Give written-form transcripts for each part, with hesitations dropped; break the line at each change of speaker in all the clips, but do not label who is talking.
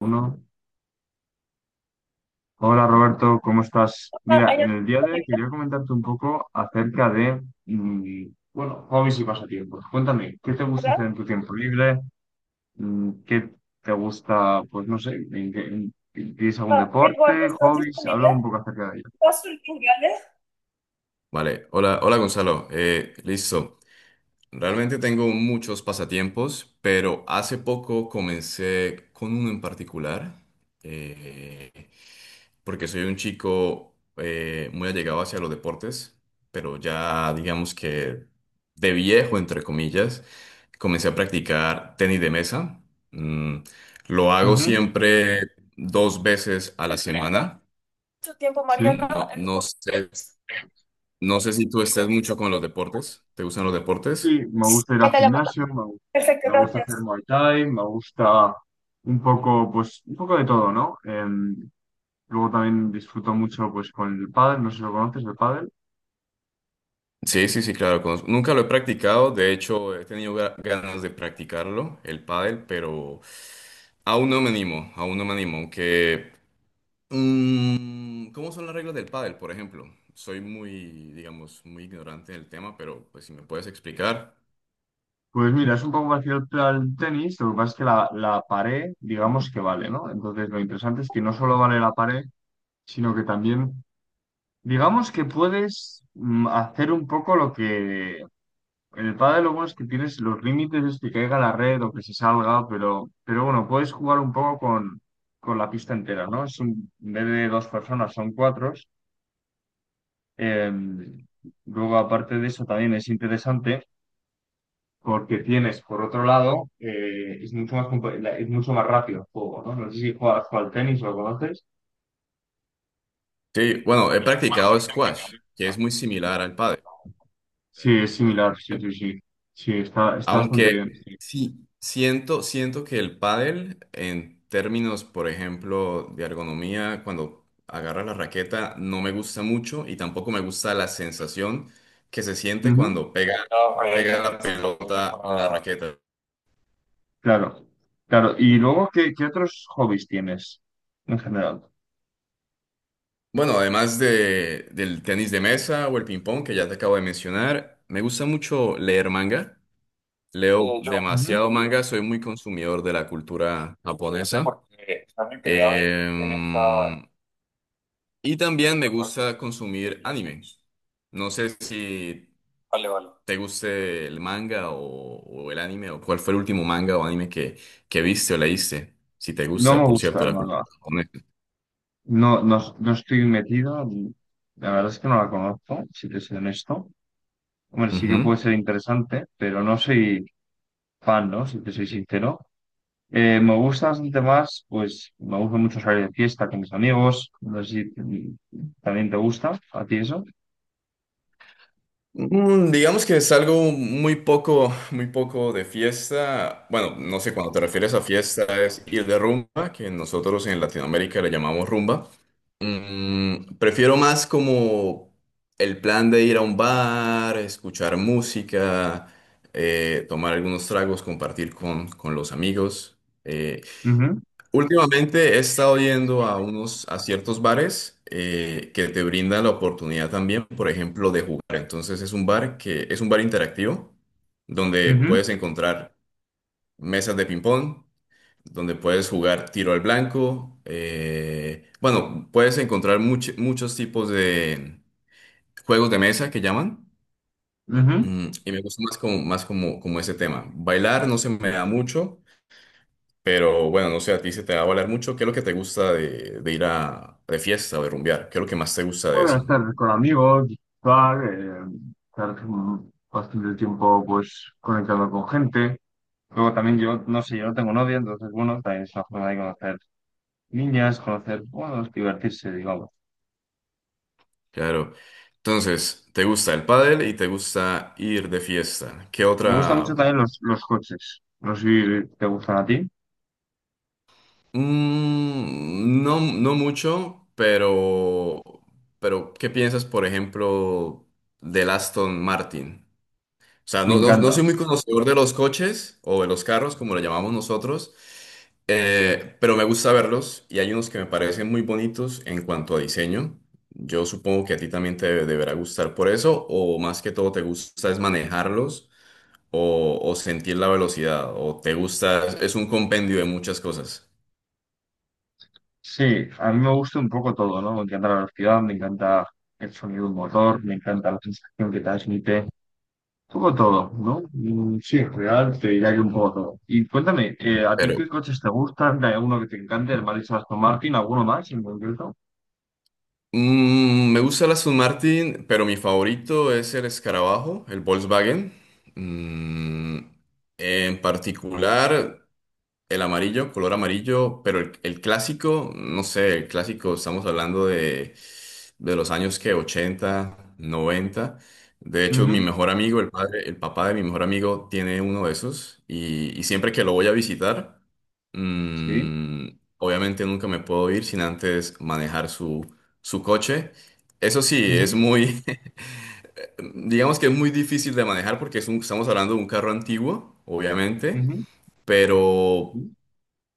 Uno. Hola Roberto, ¿cómo estás?
Sea,
Mira,
hay
en
otros
el día de hoy
disponibles,
quería comentarte un poco acerca de, bueno, hobbies y pasatiempos. Cuéntame, ¿qué te gusta
¿verdad?
hacer
O
en tu tiempo libre? ¿Qué te gusta, pues no sé, ¿tienes algún
Eduardo,
deporte,
¿estás
hobbies? Habla
disponible?
un poco acerca de ello.
¿Estás disponible? Vale, hola, Gonzalo. Listo. Realmente tengo muchos pasatiempos, pero hace poco comencé con uno en particular, eh, porque soy un chico muy allegado hacia los deportes, pero ya digamos que de viejo, entre comillas, comencé a practicar tenis de mesa. Mm, lo hago
Ujú.
siempre 2 veces a la semana. Mucho tiempo,
Sí,
Mariano. No, no sé si tú estás mucho con los deportes. ¿Te gustan los deportes?
sí, me gusta ir
Ya
al
te llamo.
gimnasio,
Perfecto,
me gusta hacer
gracias.
Muay Thai, me gusta un poco, pues un poco de todo, ¿no? Luego también disfruto mucho, pues con el pádel, no sé si lo conoces, el pádel.
Sí, sí, sí, claro. Conozco. Nunca lo he practicado. De hecho, he tenido ganas de practicarlo, el pádel, pero aún no me animo, aún no me animo. Aunque, ¿cómo son las reglas del pádel, por ejemplo? Soy muy, digamos, muy ignorante del tema, pero pues si me puedes explicar.
Pues mira, es un poco parecido al tenis, lo que pasa es que la pared, digamos que vale, ¿no? Entonces lo interesante es que no solo vale la pared, sino que también, digamos que puedes hacer un poco lo que... En el pádel lo bueno es que tienes los límites, es que caiga la red o que se salga, pero bueno, puedes jugar un poco con la pista entera, ¿no? Es un, en vez de dos personas, son cuatro. Em, luego, aparte de eso, también es interesante. Porque tienes, por otro lado, es mucho más es mucho más rápido el juego, ¿no? No sé si juegas al tenis o lo conoces.
Sí, bueno, he
Bueno, es
practicado
complicado.
squash, que es muy similar al pádel.
Sí,
Es muy
es
similar al
similar, sí,
pádel.
sí, sí. Sí, está bastante
Aunque
bien, sí.
sí, siento que el pádel, en términos, por ejemplo, de ergonomía, cuando agarra la raqueta, no me gusta mucho y tampoco me gusta la sensación que se siente
Ujú.
cuando pega la pelota a la raqueta.
Claro, claro. Y luego, ¿qué otros hobbies tienes en general?
Bueno, del tenis de mesa o el ping-pong que ya te acabo de mencionar, me gusta mucho leer manga. Leo
Ujú.
demasiado manga, soy muy consumidor de la cultura japonesa. Em, Y también me gusta consumir anime. No sé si vale. te guste el manga o el anime, o cuál fue el último manga o anime que viste o leíste. Si te
No
gusta,
me
por
gusta
cierto,
el
la
manga.
cultura japonesa.
No, no, no estoy metido. La verdad es que no la conozco, si te soy honesto. Hombre, sí que puede
Ujú.
ser interesante, pero no soy fan, ¿no? Si te soy sincero. Me gusta bastante más, pues me gusta mucho salir de fiesta con mis amigos. No sé si también te gusta a ti eso.
Digamos que es algo muy poco de fiesta. Bueno, no sé, cuando te refieres a fiesta es ir de rumba, que nosotros en Latinoamérica le llamamos rumba. Prefiero más como el plan de ir a un bar, escuchar música, tomar algunos tragos, con los amigos.
Ujú,
Últimamente he estado yendo a ciertos bares que te brindan la oportunidad también, por ejemplo, de jugar. Entonces es un bar que es un bar interactivo donde
ujú,
puedes encontrar mesas de ping-pong donde puedes jugar tiro al blanco. Bueno, puedes encontrar muchos tipos de juegos de mesa que llaman.
ujú.
Y me gusta más como, como ese tema. Bailar no se me da mucho, pero bueno, no sé, a ti se te va a bailar mucho. ¿Qué es lo que te gusta de ir a de fiesta o de rumbear? ¿Qué es lo que más te gusta de
Bueno,
eso?
estar con amigos, disfrutar, estar bastante tiempo pues conectando con gente. Luego también yo, no sé, yo no tengo novia, entonces bueno, también es una forma de conocer niñas, conocer, bueno, divertirse, digamos.
Claro. Entonces, te gusta el pádel y te gusta ir de fiesta. ¿Qué
Me gustan mucho
otra?
también los coches. No sé si te gustan a ti.
No, no mucho, pero ¿qué piensas, por ejemplo, del Aston Martin? O sea,
Me
no, no, no
encanta.
soy muy conocedor de los coches o de los carros, como lo llamamos nosotros, pero me gusta verlos y hay unos que me parecen muy bonitos en cuanto a diseño. Yo supongo que a ti también te deberá gustar por eso, o más que todo te gusta es o sentir la velocidad, o te gusta, es un compendio de muchas cosas.
Sí, a mí me gusta un poco todo, ¿no? Me encanta la velocidad, me encanta el sonido del motor, me encanta la sensación que transmite, un poco todo, ¿no? Sí, en general te diría que un poco todo. Y cuéntame, ¿a ti qué coches te gustan? ¿Hay alguno que te encante? ¿El Maris Aston Martin? ¿Alguno más en concreto?
Me gusta la Aston Martin, pero mi favorito es el escarabajo, el Volkswagen. Mm, en particular. El amarillo, color amarillo, pero el clásico, no sé, el clásico, estamos hablando de los años que 80, 90. De hecho, mi
Ujú.
mejor amigo, el padre, el papá de mi mejor amigo, tiene uno de esos y siempre que lo voy a visitar,
Sí.
mm, obviamente nunca me puedo ir sin antes manejar su coche. Eso sí, es
Ujú,
muy, digamos que es muy difícil de manejar porque estamos hablando de un carro antiguo, obviamente,
ujú,
pero
ujú,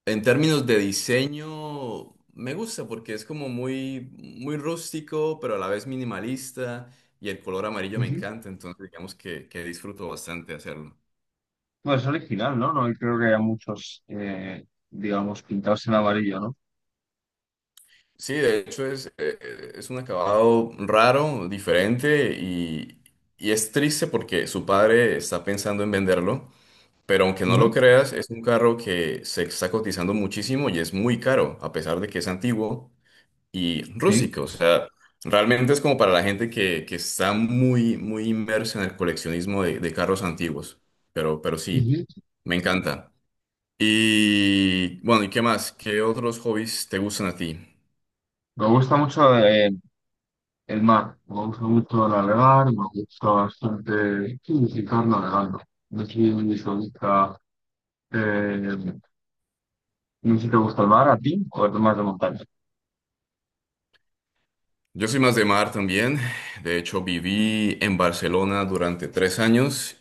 en términos de diseño, me gusta porque es como muy, muy rústico, pero a la vez minimalista y el color amarillo me
ujú.
encanta, entonces digamos que disfruto bastante hacerlo.
Bueno, es original, ¿no? No creo que haya muchos, digamos, pintados en amarillo, ¿no?
Sí, de hecho es un acabado raro, diferente y es triste porque su padre está pensando en venderlo, pero aunque no lo
Ujú.
creas, es un carro que se está cotizando muchísimo y es muy caro, a pesar de que es antiguo y
Sí.
rústico. O sea, realmente es como para la gente que está muy, muy inmersa en el coleccionismo de carros antiguos. Pero sí,
Ujú.
me encanta. Y bueno, ¿y qué más? ¿Qué otros hobbies te gustan a ti?
Me gusta mucho el mar, me gusta mucho navegar, me gusta bastante sí, visitar navegando. No sé si te gusta, eh, no sé si te gusta el mar a ti o eres más de montaña.
Yo soy más de mar también. De hecho, viví en Barcelona durante 3 años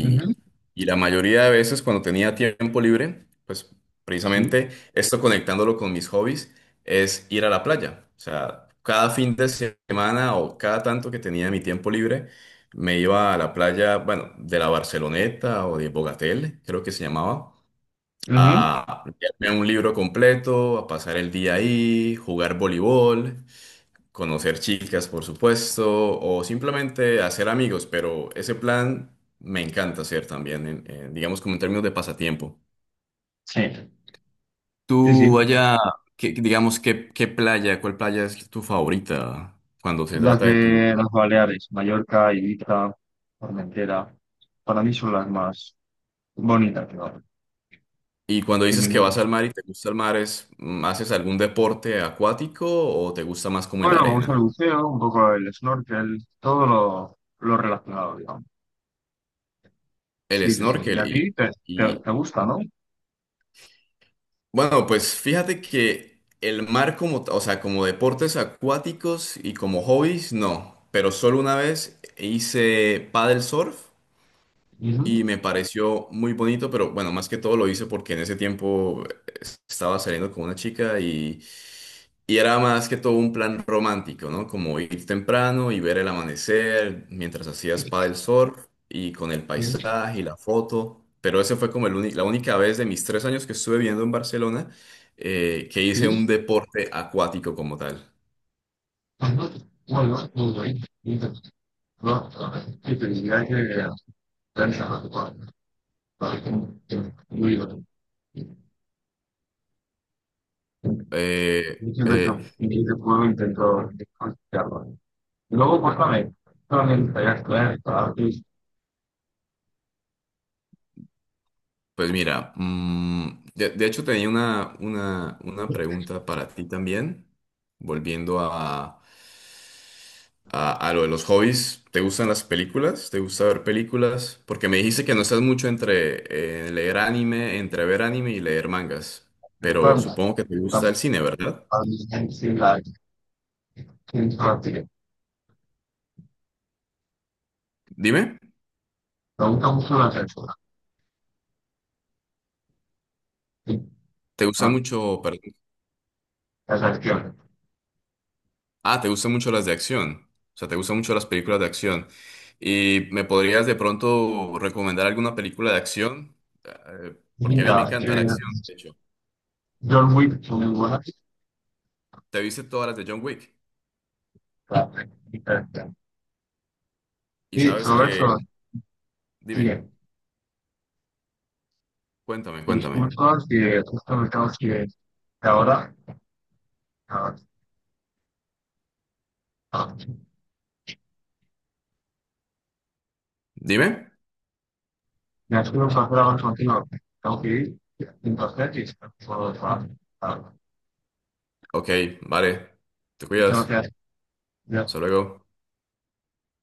Ujú.
y la mayoría de veces cuando tenía tiempo libre, pues
Sí.
precisamente esto conectándolo con mis hobbies es ir a la playa. O sea, cada fin de semana o cada tanto que tenía mi tiempo libre, me iba a la playa, bueno, de la Barceloneta o de Bogatel, creo que se llamaba,
Ujú.
a leerme un libro completo, a pasar el día ahí, jugar voleibol, conocer chicas, por supuesto, o simplemente hacer amigos, pero ese plan me encanta hacer también, digamos como en términos de pasatiempo.
Sí, sí, sí.
Tú allá, qué playa, cuál playa es tu favorita cuando se
Las
trata de tu...
de las Baleares, Mallorca, Ibiza, Formentera, para mí son las más bonitas, claro,
Y cuando
sin
dices que
ninguna.
vas al mar y te gusta el mar, es, ¿haces algún deporte acuático o te gusta más como en
Bueno,
la
me gusta el
arena?
buceo, un poco el snorkel, todo lo relacionado, digamos.
El
Sí, sí, sí. Y
snorkel
a ti te, te,
y,
te gusta, ¿no?
bueno, pues fíjate que el mar como, o sea, como deportes acuáticos y como hobbies, no. Pero solo una vez hice paddle surf y
Ujú.
me pareció muy bonito, pero bueno, más que todo lo hice porque en ese tiempo estaba saliendo con una chica y era más que todo un plan romántico, ¿no? Como ir temprano y ver el amanecer mientras hacías paddle surf y con el
Y,
paisaje y la foto. Pero ese fue como la única vez de mis 3 años que estuve viviendo en Barcelona que hice un
y
deporte acuático como tal.
cuando vuelva, volveré y te va a que te dirá que pensa para que no iba.
Eh,
Diciendo eso,
eh,
y ese pueblo intentó. Luego, pues también, también estaría claro para que
pues mira, de hecho tenía una pregunta para ti también, volviendo a... a lo de los hobbies, ¿te gustan las películas? ¿Te gusta ver películas? Porque me dijiste que no estás mucho entre leer anime, entre ver anime y leer mangas, pero
cuando
supongo que te
para
gusta el cine, ¿verdad?
mí es la gente
Dime,
me mucho la censura,
¿te gusta mucho, perdón,
las acciones.
ah, te gustan mucho las de acción? O sea, ¿te gustan mucho las películas de acción? ¿Y me podrías de pronto recomendar alguna película de acción? Eh, porque a mí me
Linda,
encanta la acción, de hecho.
John Wick, muy buena,
¿Te viste todas las de John Wick? Y
y
sabes que,
Roberto,
dime,
bien.
cuéntame, cuéntame.
Disculpa que justo me tengo que ir ahora. Ah, ah.
Dime.
Me ha sido un placer hablar contigo. Tengo que ir. Entonces, y espero que puedo trabajar. Ah,
Ok, vale. Te cuidas. Hasta luego.